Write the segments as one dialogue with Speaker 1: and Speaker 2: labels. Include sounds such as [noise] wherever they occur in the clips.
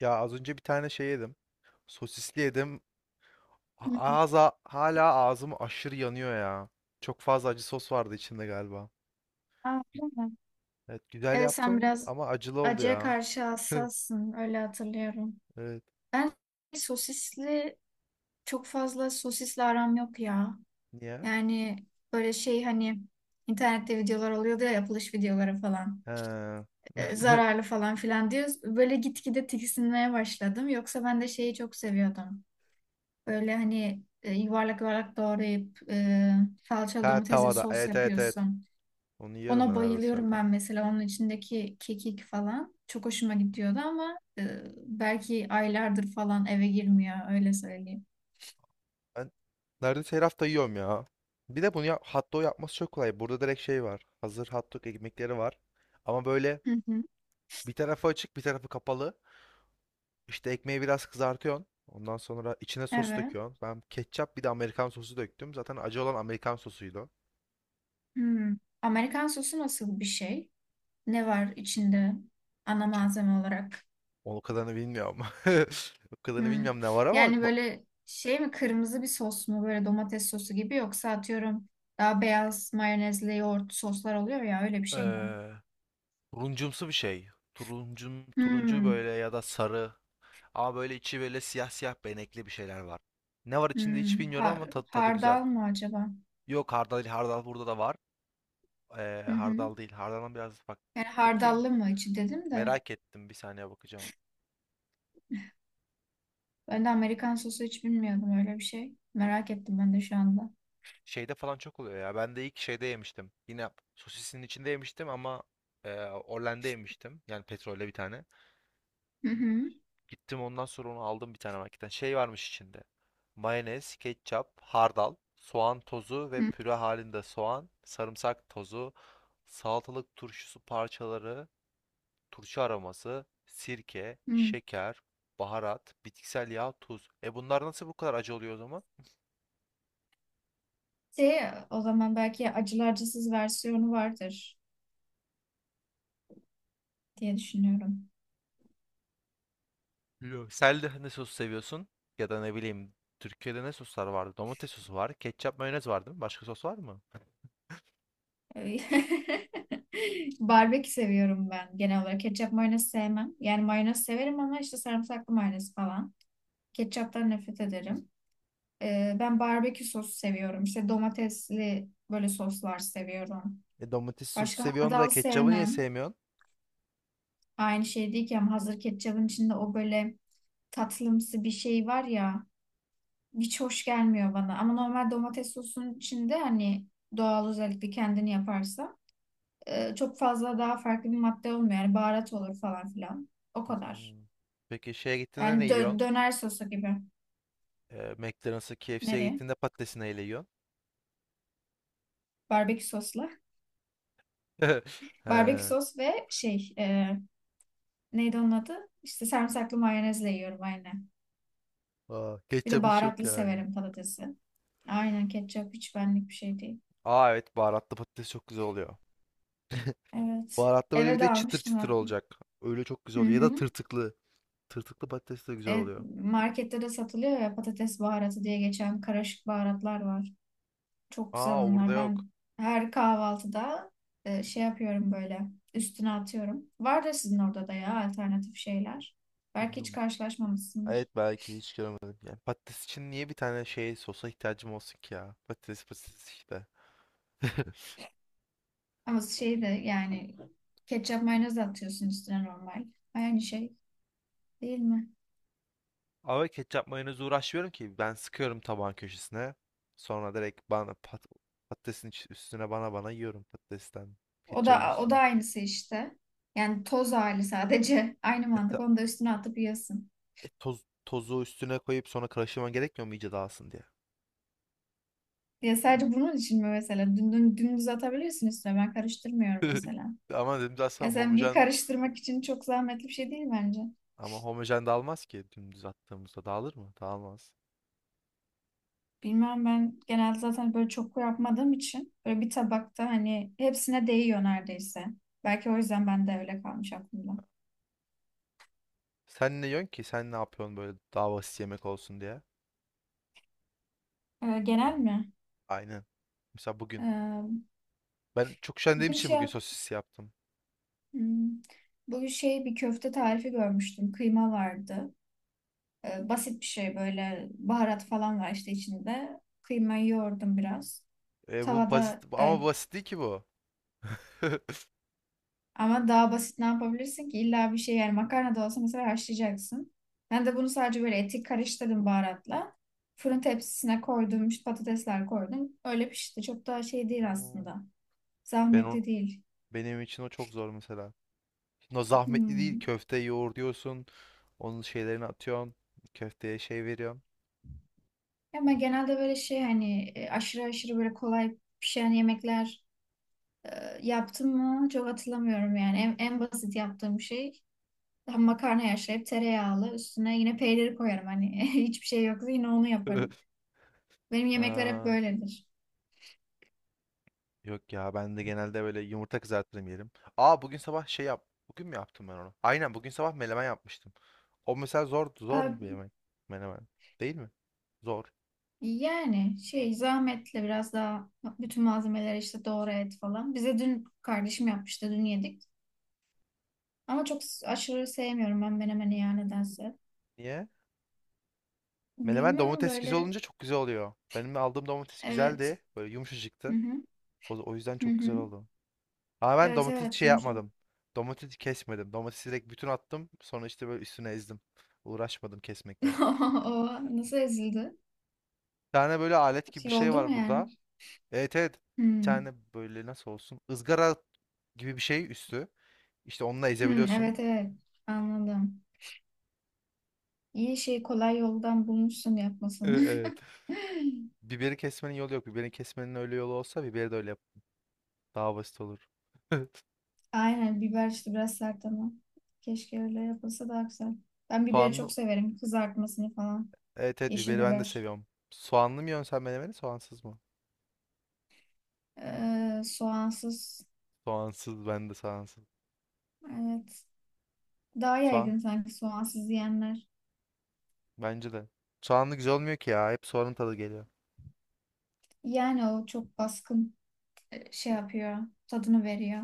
Speaker 1: Ya az önce bir tane şey yedim. Sosisli yedim. A-
Speaker 2: Hı hı.
Speaker 1: Ağza hala ağzım aşırı yanıyor ya. Çok fazla acı sos vardı içinde galiba.
Speaker 2: Aa, değil mi?
Speaker 1: Evet, güzel
Speaker 2: Evet, sen
Speaker 1: yaptım
Speaker 2: biraz
Speaker 1: ama acılı oldu
Speaker 2: acıya
Speaker 1: ya.
Speaker 2: karşı
Speaker 1: [laughs]
Speaker 2: hassassın, öyle hatırlıyorum.
Speaker 1: Evet.
Speaker 2: Ben sosisli çok fazla sosisli aram yok ya.
Speaker 1: Niye?
Speaker 2: Yani böyle şey, hani internette videolar oluyordu ya, yapılış videoları falan.
Speaker 1: He. [laughs]
Speaker 2: Zararlı falan filan diyoruz. Böyle gitgide tiksinmeye başladım. Yoksa ben de şeyi çok seviyordum. Böyle hani yuvarlak yuvarlak doğrayıp salçalı
Speaker 1: Ha,
Speaker 2: domatesli bir
Speaker 1: tavada.
Speaker 2: sos
Speaker 1: Evet, evet, evet.
Speaker 2: yapıyorsun.
Speaker 1: Onu yiyorum
Speaker 2: Ona
Speaker 1: ben neredeyse her
Speaker 2: bayılıyorum,
Speaker 1: hafta.
Speaker 2: ben mesela onun içindeki kekik falan çok hoşuma gidiyordu, ama belki aylardır falan eve girmiyor, öyle söyleyeyim.
Speaker 1: Ben neredeyse her hafta yiyorum ya. Bir de bunu ya, hot dog yapması çok kolay. Burada direkt şey var. Hazır hot dog ekmekleri var. Ama böyle
Speaker 2: Hı hı.
Speaker 1: bir tarafı açık bir tarafı kapalı. İşte ekmeği biraz kızartıyorsun. Ondan sonra içine sos
Speaker 2: Evet.
Speaker 1: döküyorsun. Ben ketçap bir de Amerikan sosu döktüm. Zaten acı olan Amerikan sosuydu o.
Speaker 2: Hmm. Amerikan sosu nasıl bir şey? Ne var içinde ana
Speaker 1: İçi.
Speaker 2: malzeme olarak?
Speaker 1: O kadarını bilmiyorum. [laughs] O kadarını
Speaker 2: Hmm.
Speaker 1: bilmiyorum ne var ama
Speaker 2: Yani böyle şey mi, kırmızı bir sos mu, böyle domates sosu gibi, yoksa atıyorum daha beyaz mayonezli yoğurt soslar oluyor ya, öyle bir şey mi?
Speaker 1: eee, turuncumsu bir şey. Turuncu
Speaker 2: Hmm.
Speaker 1: böyle, ya da sarı. Ama böyle içi böyle siyah siyah benekli bir şeyler var. Ne var içinde hiç
Speaker 2: Hmm.
Speaker 1: bilmiyorum ama tadı güzel.
Speaker 2: Hardal mı acaba?
Speaker 1: Yok hardal, hardal burada da var.
Speaker 2: Hı hı.
Speaker 1: Hardal değil. Hardaldan biraz
Speaker 2: Yani
Speaker 1: bakayım.
Speaker 2: hardallı mı içi, dedim de.
Speaker 1: Merak ettim. Bir saniye bakacağım.
Speaker 2: Ben de Amerikan sosu hiç bilmiyordum öyle bir şey. Merak ettim ben de şu anda.
Speaker 1: Şeyde falan çok oluyor ya. Ben de ilk şeyde yemiştim. Yine sosisin içinde yemiştim ama Orlen'de yemiştim. Yani petrolle bir tane.
Speaker 2: Hı hı.
Speaker 1: Gittim, ondan sonra onu aldım bir tane marketten. Şey varmış içinde. Mayonez, ketçap, hardal, soğan tozu ve
Speaker 2: Hı
Speaker 1: püre halinde soğan, sarımsak tozu, salatalık turşusu parçaları, turşu aroması, sirke,
Speaker 2: hı.
Speaker 1: şeker, baharat, bitkisel yağ, tuz. E, bunlar nasıl bu kadar acı oluyor o zaman?
Speaker 2: Şey, O zaman belki acılı acısız versiyonu vardır diye düşünüyorum.
Speaker 1: Biliyorum. Sen de ne sos seviyorsun? Ya da ne bileyim, Türkiye'de ne soslar vardı? Domates sosu var. Ketçap, mayonez var, değil mi? Başka sos var mı?
Speaker 2: Ee, [laughs] Barbekü seviyorum ben genel olarak. Ketçap mayonez sevmem. Yani mayonez severim, ama işte sarımsaklı mayonez falan. Ketçaptan nefret ederim. Ben barbekü sosu seviyorum. İşte domatesli böyle soslar seviyorum.
Speaker 1: E, domates sosu
Speaker 2: Başka
Speaker 1: seviyorsun da
Speaker 2: hardal
Speaker 1: ketçabı niye
Speaker 2: sevmem.
Speaker 1: sevmiyorsun?
Speaker 2: Aynı şey değil ki, ama hazır ketçabın içinde o böyle tatlımsı bir şey var ya, hiç hoş gelmiyor bana. Ama normal domates sosunun içinde, hani doğal, özellikle kendini yaparsa çok fazla daha farklı bir madde olmuyor. Yani baharat olur falan filan. O
Speaker 1: Hı hı.
Speaker 2: kadar.
Speaker 1: Peki, şeye gittiğinde ne
Speaker 2: Yani
Speaker 1: yiyorsun?
Speaker 2: döner sosu gibi.
Speaker 1: McDonald's'a, KFC'ye
Speaker 2: Nereye?
Speaker 1: gittiğinde patatesi neyle yiyorsun?
Speaker 2: Barbekü sosla.
Speaker 1: [laughs]
Speaker 2: Barbekü
Speaker 1: He.
Speaker 2: sos ve şey, neydi onun adı? İşte sarımsaklı mayonezle yiyorum aynen.
Speaker 1: Aa,
Speaker 2: Bir de
Speaker 1: ketçap hiç yok
Speaker 2: baharatlı
Speaker 1: yani.
Speaker 2: severim patatesi. Aynen, ketçap hiç benlik bir şey değil.
Speaker 1: Aa, evet, baharatlı patates çok güzel oluyor.
Speaker 2: Evet.
Speaker 1: Baharatlı, böyle bir
Speaker 2: Eve
Speaker 1: de
Speaker 2: de
Speaker 1: çıtır
Speaker 2: almıştım
Speaker 1: çıtır
Speaker 2: hatta.
Speaker 1: olacak. Öyle çok
Speaker 2: Hı
Speaker 1: güzel oluyor. Ya
Speaker 2: hı.
Speaker 1: da tırtıklı. Tırtıklı patates de güzel
Speaker 2: Evet,
Speaker 1: oluyor.
Speaker 2: markette de satılıyor ya, patates baharatı diye geçen karışık baharatlar var. Çok güzel
Speaker 1: Aa, burada
Speaker 2: onlar.
Speaker 1: yok.
Speaker 2: Ben her kahvaltıda şey yapıyorum, böyle üstüne atıyorum. Var da sizin orada da ya, alternatif şeyler. Belki hiç
Speaker 1: Bilmiyorum. Evet,
Speaker 2: karşılaşmamışsındır.
Speaker 1: belki hiç görmedim. Yani patates için niye bir tane şey sosa ihtiyacım olsun ki ya? Patates patates işte. [laughs]
Speaker 2: Ama şey de, yani ketçap mayonez de atıyorsun üstüne normal. Aynı şey değil mi?
Speaker 1: Ama ketçap mayonezi uğraşmıyorum ki. Ben sıkıyorum tabağın köşesine. Sonra direkt bana, patatesin üstüne, bana yiyorum patatesten.
Speaker 2: O
Speaker 1: Ketçabın
Speaker 2: da o
Speaker 1: üstüne.
Speaker 2: da aynısı işte. Yani toz hali sadece, [laughs] aynı
Speaker 1: Hatta
Speaker 2: mantık. Onu da üstüne atıp yiyorsun.
Speaker 1: tozu üstüne koyup sonra karıştırman gerekmiyor mu iyice dağılsın diye?
Speaker 2: Ya sadece bunun için mi mesela? Dümdüz atabilirsin üstüne. Ben karıştırmıyorum
Speaker 1: [laughs]
Speaker 2: mesela.
Speaker 1: Ama dümdüz
Speaker 2: Ya
Speaker 1: atsam
Speaker 2: sen, bir
Speaker 1: homojen,
Speaker 2: karıştırmak için çok zahmetli bir şey değil bence.
Speaker 1: ama homojen dağılmaz ki. Dümdüz attığımızda dağılır mı? Dağılmaz.
Speaker 2: Bilmem, ben genelde zaten böyle çok yapmadığım için böyle bir tabakta hani hepsine değiyor neredeyse. Belki o yüzden ben de öyle kalmış aklımda.
Speaker 1: Sen ne yiyorsun ki? Sen ne yapıyorsun böyle, daha basit yemek olsun diye?
Speaker 2: Genel mi?
Speaker 1: Aynen. Mesela bugün.
Speaker 2: Ee,
Speaker 1: Ben çok üşendiğim
Speaker 2: bugün
Speaker 1: için
Speaker 2: şey
Speaker 1: bugün
Speaker 2: yap
Speaker 1: sosis yaptım.
Speaker 2: hmm, Bugün şey bir köfte tarifi görmüştüm. Kıyma vardı. Basit bir şey, böyle baharat falan var işte içinde. Kıymayı yoğurdum biraz.
Speaker 1: Bu basit,
Speaker 2: Tavada
Speaker 1: ama basit değil ki bu. [laughs]
Speaker 2: ama daha basit ne yapabilirsin ki? İlla bir şey, yani makarna da olsa mesela haşlayacaksın. Ben de bunu sadece böyle eti karıştırdım baharatla. Fırın tepsisine koydum, işte patatesler koydum. Öyle pişti. Çok daha şey değil
Speaker 1: Oo.
Speaker 2: aslında.
Speaker 1: Ben on,
Speaker 2: Zahmetli değil.
Speaker 1: Benim için o çok zor mesela. Şimdi o zahmetli değil.
Speaker 2: Hmm.
Speaker 1: Köfte yoğur diyorsun. Onun şeylerini atıyorsun. Köfteye şey veriyorsun.
Speaker 2: Ama genelde böyle şey, hani aşırı aşırı böyle kolay pişen yemekler e, yaptım mı çok hatırlamıyorum yani. En basit yaptığım şey, tam makarna haşlayıp tereyağlı üstüne yine peyniri koyarım hani, [laughs] hiçbir şey yoksa yine onu yaparım.
Speaker 1: [laughs]
Speaker 2: Benim yemekler hep
Speaker 1: Aa,
Speaker 2: böyledir.
Speaker 1: yok ya, ben de genelde böyle yumurta kızartırım, yerim. Aa, bugün sabah şey yap. Bugün mü yaptım ben onu? Aynen, bugün sabah menemen yapmıştım. O mesela zor
Speaker 2: Ee,
Speaker 1: zor bir yemek. Menemen. Değil mi? Zor.
Speaker 2: Yani şey, zahmetli biraz daha, bütün malzemeleri işte doğru et falan. Bize dün kardeşim yapmıştı, dün yedik. Ama çok aşırı sevmiyorum ben menemeni ya, nedense.
Speaker 1: Niye? Menemen,
Speaker 2: Bilmem,
Speaker 1: domates güzel
Speaker 2: böyle.
Speaker 1: olunca çok güzel oluyor. Benim aldığım domates
Speaker 2: Evet.
Speaker 1: güzeldi. Böyle
Speaker 2: Hı
Speaker 1: yumuşacıktı.
Speaker 2: hı.
Speaker 1: O yüzden
Speaker 2: Hı
Speaker 1: çok
Speaker 2: hı.
Speaker 1: güzel oldu. Ama ben
Speaker 2: Evet,
Speaker 1: domates
Speaker 2: evet,
Speaker 1: şey
Speaker 2: yumuşak.
Speaker 1: yapmadım. Domatesi kesmedim. Domatesi direkt bütün attım. Sonra işte böyle üstüne ezdim. Uğraşmadım kesmekle.
Speaker 2: [laughs] O nasıl ezildi?
Speaker 1: Bir tane böyle alet gibi bir
Speaker 2: Şey
Speaker 1: şey
Speaker 2: oldu mu
Speaker 1: var
Speaker 2: yani?
Speaker 1: burada. Evet, evet. Bir
Speaker 2: Hmm.
Speaker 1: tane böyle, nasıl olsun, ızgara gibi bir şey üstü. İşte onunla
Speaker 2: Hmm,
Speaker 1: ezebiliyorsun.
Speaker 2: evet,
Speaker 1: [laughs]
Speaker 2: evet, anladım. İyi şey, kolay yoldan bulmuşsun yapmasını.
Speaker 1: Evet.
Speaker 2: [laughs]
Speaker 1: Biberi kesmenin yolu yok. Biberi kesmenin öyle yolu olsa biberi de öyle yap. Daha basit olur.
Speaker 2: Aynen, biber işte biraz sert ama. Keşke öyle yapılsa daha güzel. Ben
Speaker 1: [laughs]
Speaker 2: biberi
Speaker 1: Soğanlı,
Speaker 2: çok severim. Kızartmasını falan.
Speaker 1: Evet, evet,
Speaker 2: Yeşil
Speaker 1: biberi ben de
Speaker 2: biber.
Speaker 1: seviyorum. Soğanlı mı yiyorsun sen menemeni, soğansız mı?
Speaker 2: Soğansız.
Speaker 1: Soğansız, ben de soğansız.
Speaker 2: Evet. Daha
Speaker 1: Soğan,
Speaker 2: yaygın sanki soğansız yiyenler.
Speaker 1: bence de. Soğanlı güzel olmuyor ki ya. Hep soğanın tadı geliyor.
Speaker 2: Yani o çok baskın şey yapıyor. Tadını veriyor.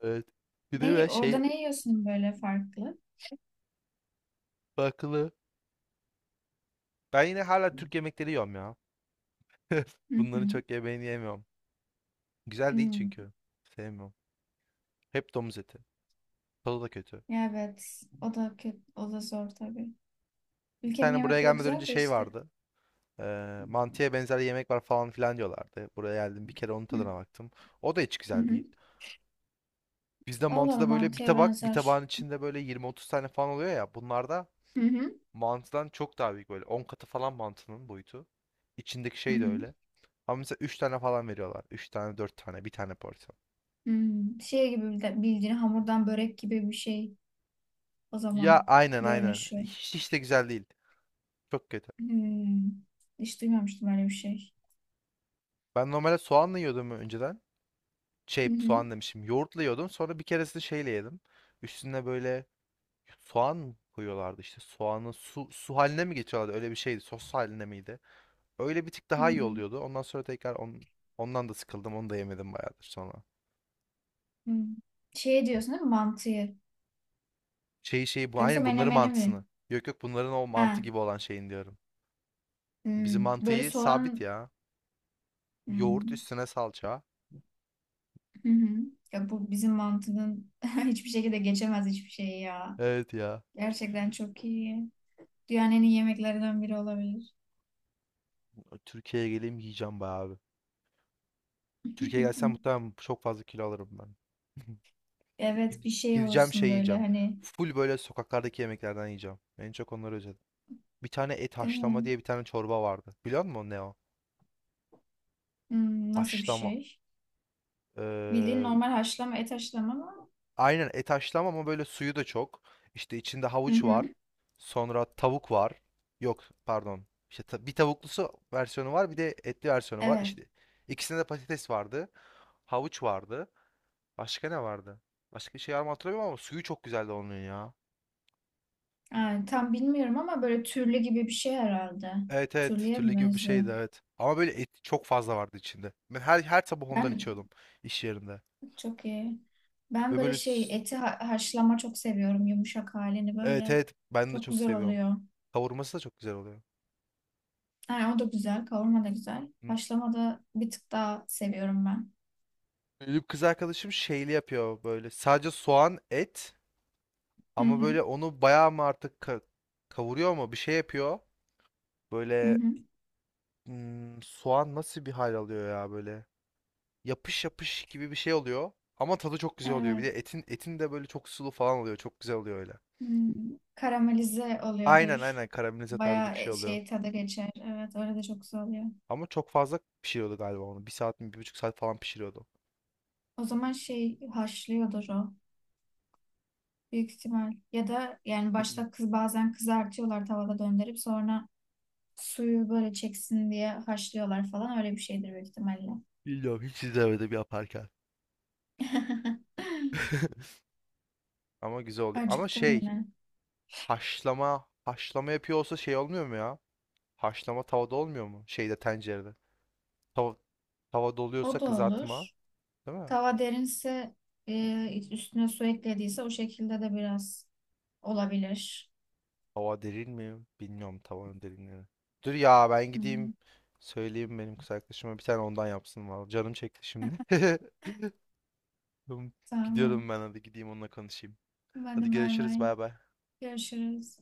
Speaker 1: Evet. Bir de ben
Speaker 2: Orada
Speaker 1: şey
Speaker 2: ne yiyorsun böyle farklı?
Speaker 1: bakılı. Ben yine hala Türk yemekleri yiyorum ya. [laughs]
Speaker 2: Hı hı.
Speaker 1: Bunların çok yemeğini yemiyorum. Güzel değil
Speaker 2: Hmm.
Speaker 1: çünkü. Sevmiyorum. Hep domuz eti. Tadı da kötü.
Speaker 2: Evet. O da kötü. O da zor tabii.
Speaker 1: Bir
Speaker 2: Ülkemin
Speaker 1: tane buraya
Speaker 2: yemekleri
Speaker 1: gelmeden önce
Speaker 2: güzel de
Speaker 1: şey
Speaker 2: işte.
Speaker 1: vardı. Mantıya benzer yemek var falan filan diyorlardı. Buraya geldim, bir kere onun
Speaker 2: Hı
Speaker 1: tadına baktım. O da hiç
Speaker 2: hı.
Speaker 1: güzel değil.
Speaker 2: Hı.
Speaker 1: Bizde
Speaker 2: Vallahi
Speaker 1: mantıda böyle
Speaker 2: mantıya
Speaker 1: bir tabağın
Speaker 2: benzer.
Speaker 1: içinde böyle 20-30 tane falan oluyor ya. Bunlarda
Speaker 2: Hı hı.
Speaker 1: mantıdan çok daha büyük, böyle 10 katı falan mantının boyutu. İçindeki
Speaker 2: Hı
Speaker 1: şey de
Speaker 2: hı.
Speaker 1: öyle. Ama mesela 3 tane falan veriyorlar. Üç tane, 4 tane, bir tane porsiyon.
Speaker 2: Hmm, şey gibi, bildiğin hamurdan börek gibi bir şey, o
Speaker 1: Ya
Speaker 2: zaman
Speaker 1: aynen, aynen.
Speaker 2: görünüşü.
Speaker 1: Hiç de güzel değil. Çok kötü.
Speaker 2: Hmm, hiç duymamıştım öyle bir şey.
Speaker 1: Ben normalde soğanla yiyordum önceden. Şey,
Speaker 2: Hı hı.
Speaker 1: soğan demişim. Yoğurtla yiyordum. Sonra bir keresinde şeyle yedim. Üstüne böyle soğan koyuyorlardı işte. Soğanı su haline mi getiriyorlardı? Öyle bir şeydi. Sos haline miydi? Öyle bir tık
Speaker 2: Hı.
Speaker 1: daha iyi oluyordu. Ondan sonra tekrar ondan da sıkıldım. Onu da yemedim bayağıdır sonra.
Speaker 2: Hmm. Şey diyorsun değil mi, mantıyı?
Speaker 1: Şeyi bu,
Speaker 2: Yoksa
Speaker 1: aynı bunların
Speaker 2: menemeni mi?
Speaker 1: mantısını. Yok yok, bunların o mantı
Speaker 2: Ha,
Speaker 1: gibi olan şeyin diyorum. Bizim
Speaker 2: böyle
Speaker 1: mantıyı sabit
Speaker 2: soğan...
Speaker 1: ya. Yoğurt,
Speaker 2: Hmm,
Speaker 1: üstüne salça.
Speaker 2: hı hı. Ya bu bizim mantının [laughs] hiçbir şekilde geçemez, hiçbir şey ya.
Speaker 1: Evet ya.
Speaker 2: Gerçekten çok iyi. Dünyanın en iyi yemeklerinden biri olabilir.
Speaker 1: Türkiye'ye geleyim yiyeceğim bayağı abi. Türkiye'ye gelsem
Speaker 2: [laughs]
Speaker 1: muhtemelen çok fazla kilo alırım ben. [laughs]
Speaker 2: Evet, bir şey
Speaker 1: Gideceğim, şey
Speaker 2: olursun böyle
Speaker 1: yiyeceğim.
Speaker 2: hani,
Speaker 1: Full böyle sokaklardaki yemeklerden yiyeceğim. En çok onları özledim. Bir tane et
Speaker 2: değil
Speaker 1: haşlama
Speaker 2: mi?
Speaker 1: diye bir tane çorba vardı. Biliyor musun ne o?
Speaker 2: Hmm, nasıl bir
Speaker 1: Haşlama.
Speaker 2: şey? Bildiğin
Speaker 1: Ee,
Speaker 2: normal haşlama, et haşlama mı?
Speaker 1: Aynen et haşlama, ama böyle suyu da çok. İşte içinde
Speaker 2: Hı
Speaker 1: havuç var.
Speaker 2: hı.
Speaker 1: Sonra tavuk var. Yok, pardon. İşte bir tavuklusu versiyonu var, bir de etli versiyonu var.
Speaker 2: Evet.
Speaker 1: İşte ikisinde de patates vardı. Havuç vardı. Başka ne vardı? Başka bir şey var mı hatırlamıyorum, ama suyu çok güzeldi onun ya.
Speaker 2: Yani tam bilmiyorum, ama böyle türlü gibi bir şey herhalde.
Speaker 1: Evet, evet,
Speaker 2: Türlüye
Speaker 1: türlü
Speaker 2: mi
Speaker 1: gibi bir
Speaker 2: benziyor?
Speaker 1: şeydi, evet. Ama böyle et çok fazla vardı içinde. Ben her sabah ondan
Speaker 2: Ben
Speaker 1: içiyordum iş yerinde.
Speaker 2: çok iyi. Ben
Speaker 1: Ve
Speaker 2: böyle
Speaker 1: böyle
Speaker 2: şey, eti haşlama çok seviyorum. Yumuşak halini
Speaker 1: evet,
Speaker 2: böyle.
Speaker 1: evet, ben de
Speaker 2: Çok
Speaker 1: çok
Speaker 2: güzel
Speaker 1: seviyorum.
Speaker 2: oluyor.
Speaker 1: Kavurması da çok güzel oluyor.
Speaker 2: Yani o da güzel. Kavurma da güzel. Haşlama da bir tık daha seviyorum ben.
Speaker 1: Benim kız arkadaşım şeyli yapıyor böyle. Sadece soğan, et,
Speaker 2: Hı
Speaker 1: ama
Speaker 2: hı.
Speaker 1: böyle onu bayağı mı artık kavuruyor mu? Bir şey yapıyor.
Speaker 2: Hı
Speaker 1: Böyle
Speaker 2: hı.
Speaker 1: soğan nasıl bir hal alıyor ya böyle. Yapış yapış gibi bir şey oluyor. Ama tadı çok güzel oluyor. Bir
Speaker 2: Evet.
Speaker 1: de etin de böyle çok sulu falan oluyor. Çok güzel oluyor öyle.
Speaker 2: Hmm. Karamelize
Speaker 1: Aynen,
Speaker 2: oluyordur.
Speaker 1: aynen, karamelize tarzı
Speaker 2: Bayağı
Speaker 1: bir şey oluyor.
Speaker 2: şey tadı geçer. Evet, öyle de çok güzel oluyor.
Speaker 1: Ama çok fazla pişiriyordu galiba onu. Bir saat mi, bir buçuk saat falan pişiriyordu.
Speaker 2: O zaman şey haşlıyordur o. Büyük ihtimal. Ya da yani
Speaker 1: Bilmiyorum.
Speaker 2: başta kız, bazen kızartıyorlar tavada döndürüp sonra suyu böyle çeksin diye haşlıyorlar falan, öyle bir şeydir büyük ihtimalle.
Speaker 1: Bilmiyorum, hiç izlemedim yaparken.
Speaker 2: [laughs]
Speaker 1: [laughs] Ama güzel oluyor. Ama
Speaker 2: Acıktım
Speaker 1: şey,
Speaker 2: yine.
Speaker 1: haşlama yapıyor olsa şey olmuyor mu ya? Haşlama tavada olmuyor mu? Şeyde, tencerede. Tava, tavada
Speaker 2: O
Speaker 1: oluyorsa
Speaker 2: da olur.
Speaker 1: kızartma, değil mi?
Speaker 2: Tava derinse üstüne su eklediyse o şekilde de biraz olabilir.
Speaker 1: Tava derin mi? Bilmiyorum tavanın derinliğini. Dur ya, ben
Speaker 2: Hmm,
Speaker 1: gideyim söyleyeyim benim kız arkadaşıma bir tane ondan yapsın var. Canım çekti şimdi. [laughs] Tamam,
Speaker 2: tamam.
Speaker 1: gidiyorum ben, hadi gideyim onunla konuşayım. Hadi
Speaker 2: Hadi bay
Speaker 1: görüşürüz,
Speaker 2: bay.
Speaker 1: bay bay.
Speaker 2: Görüşürüz.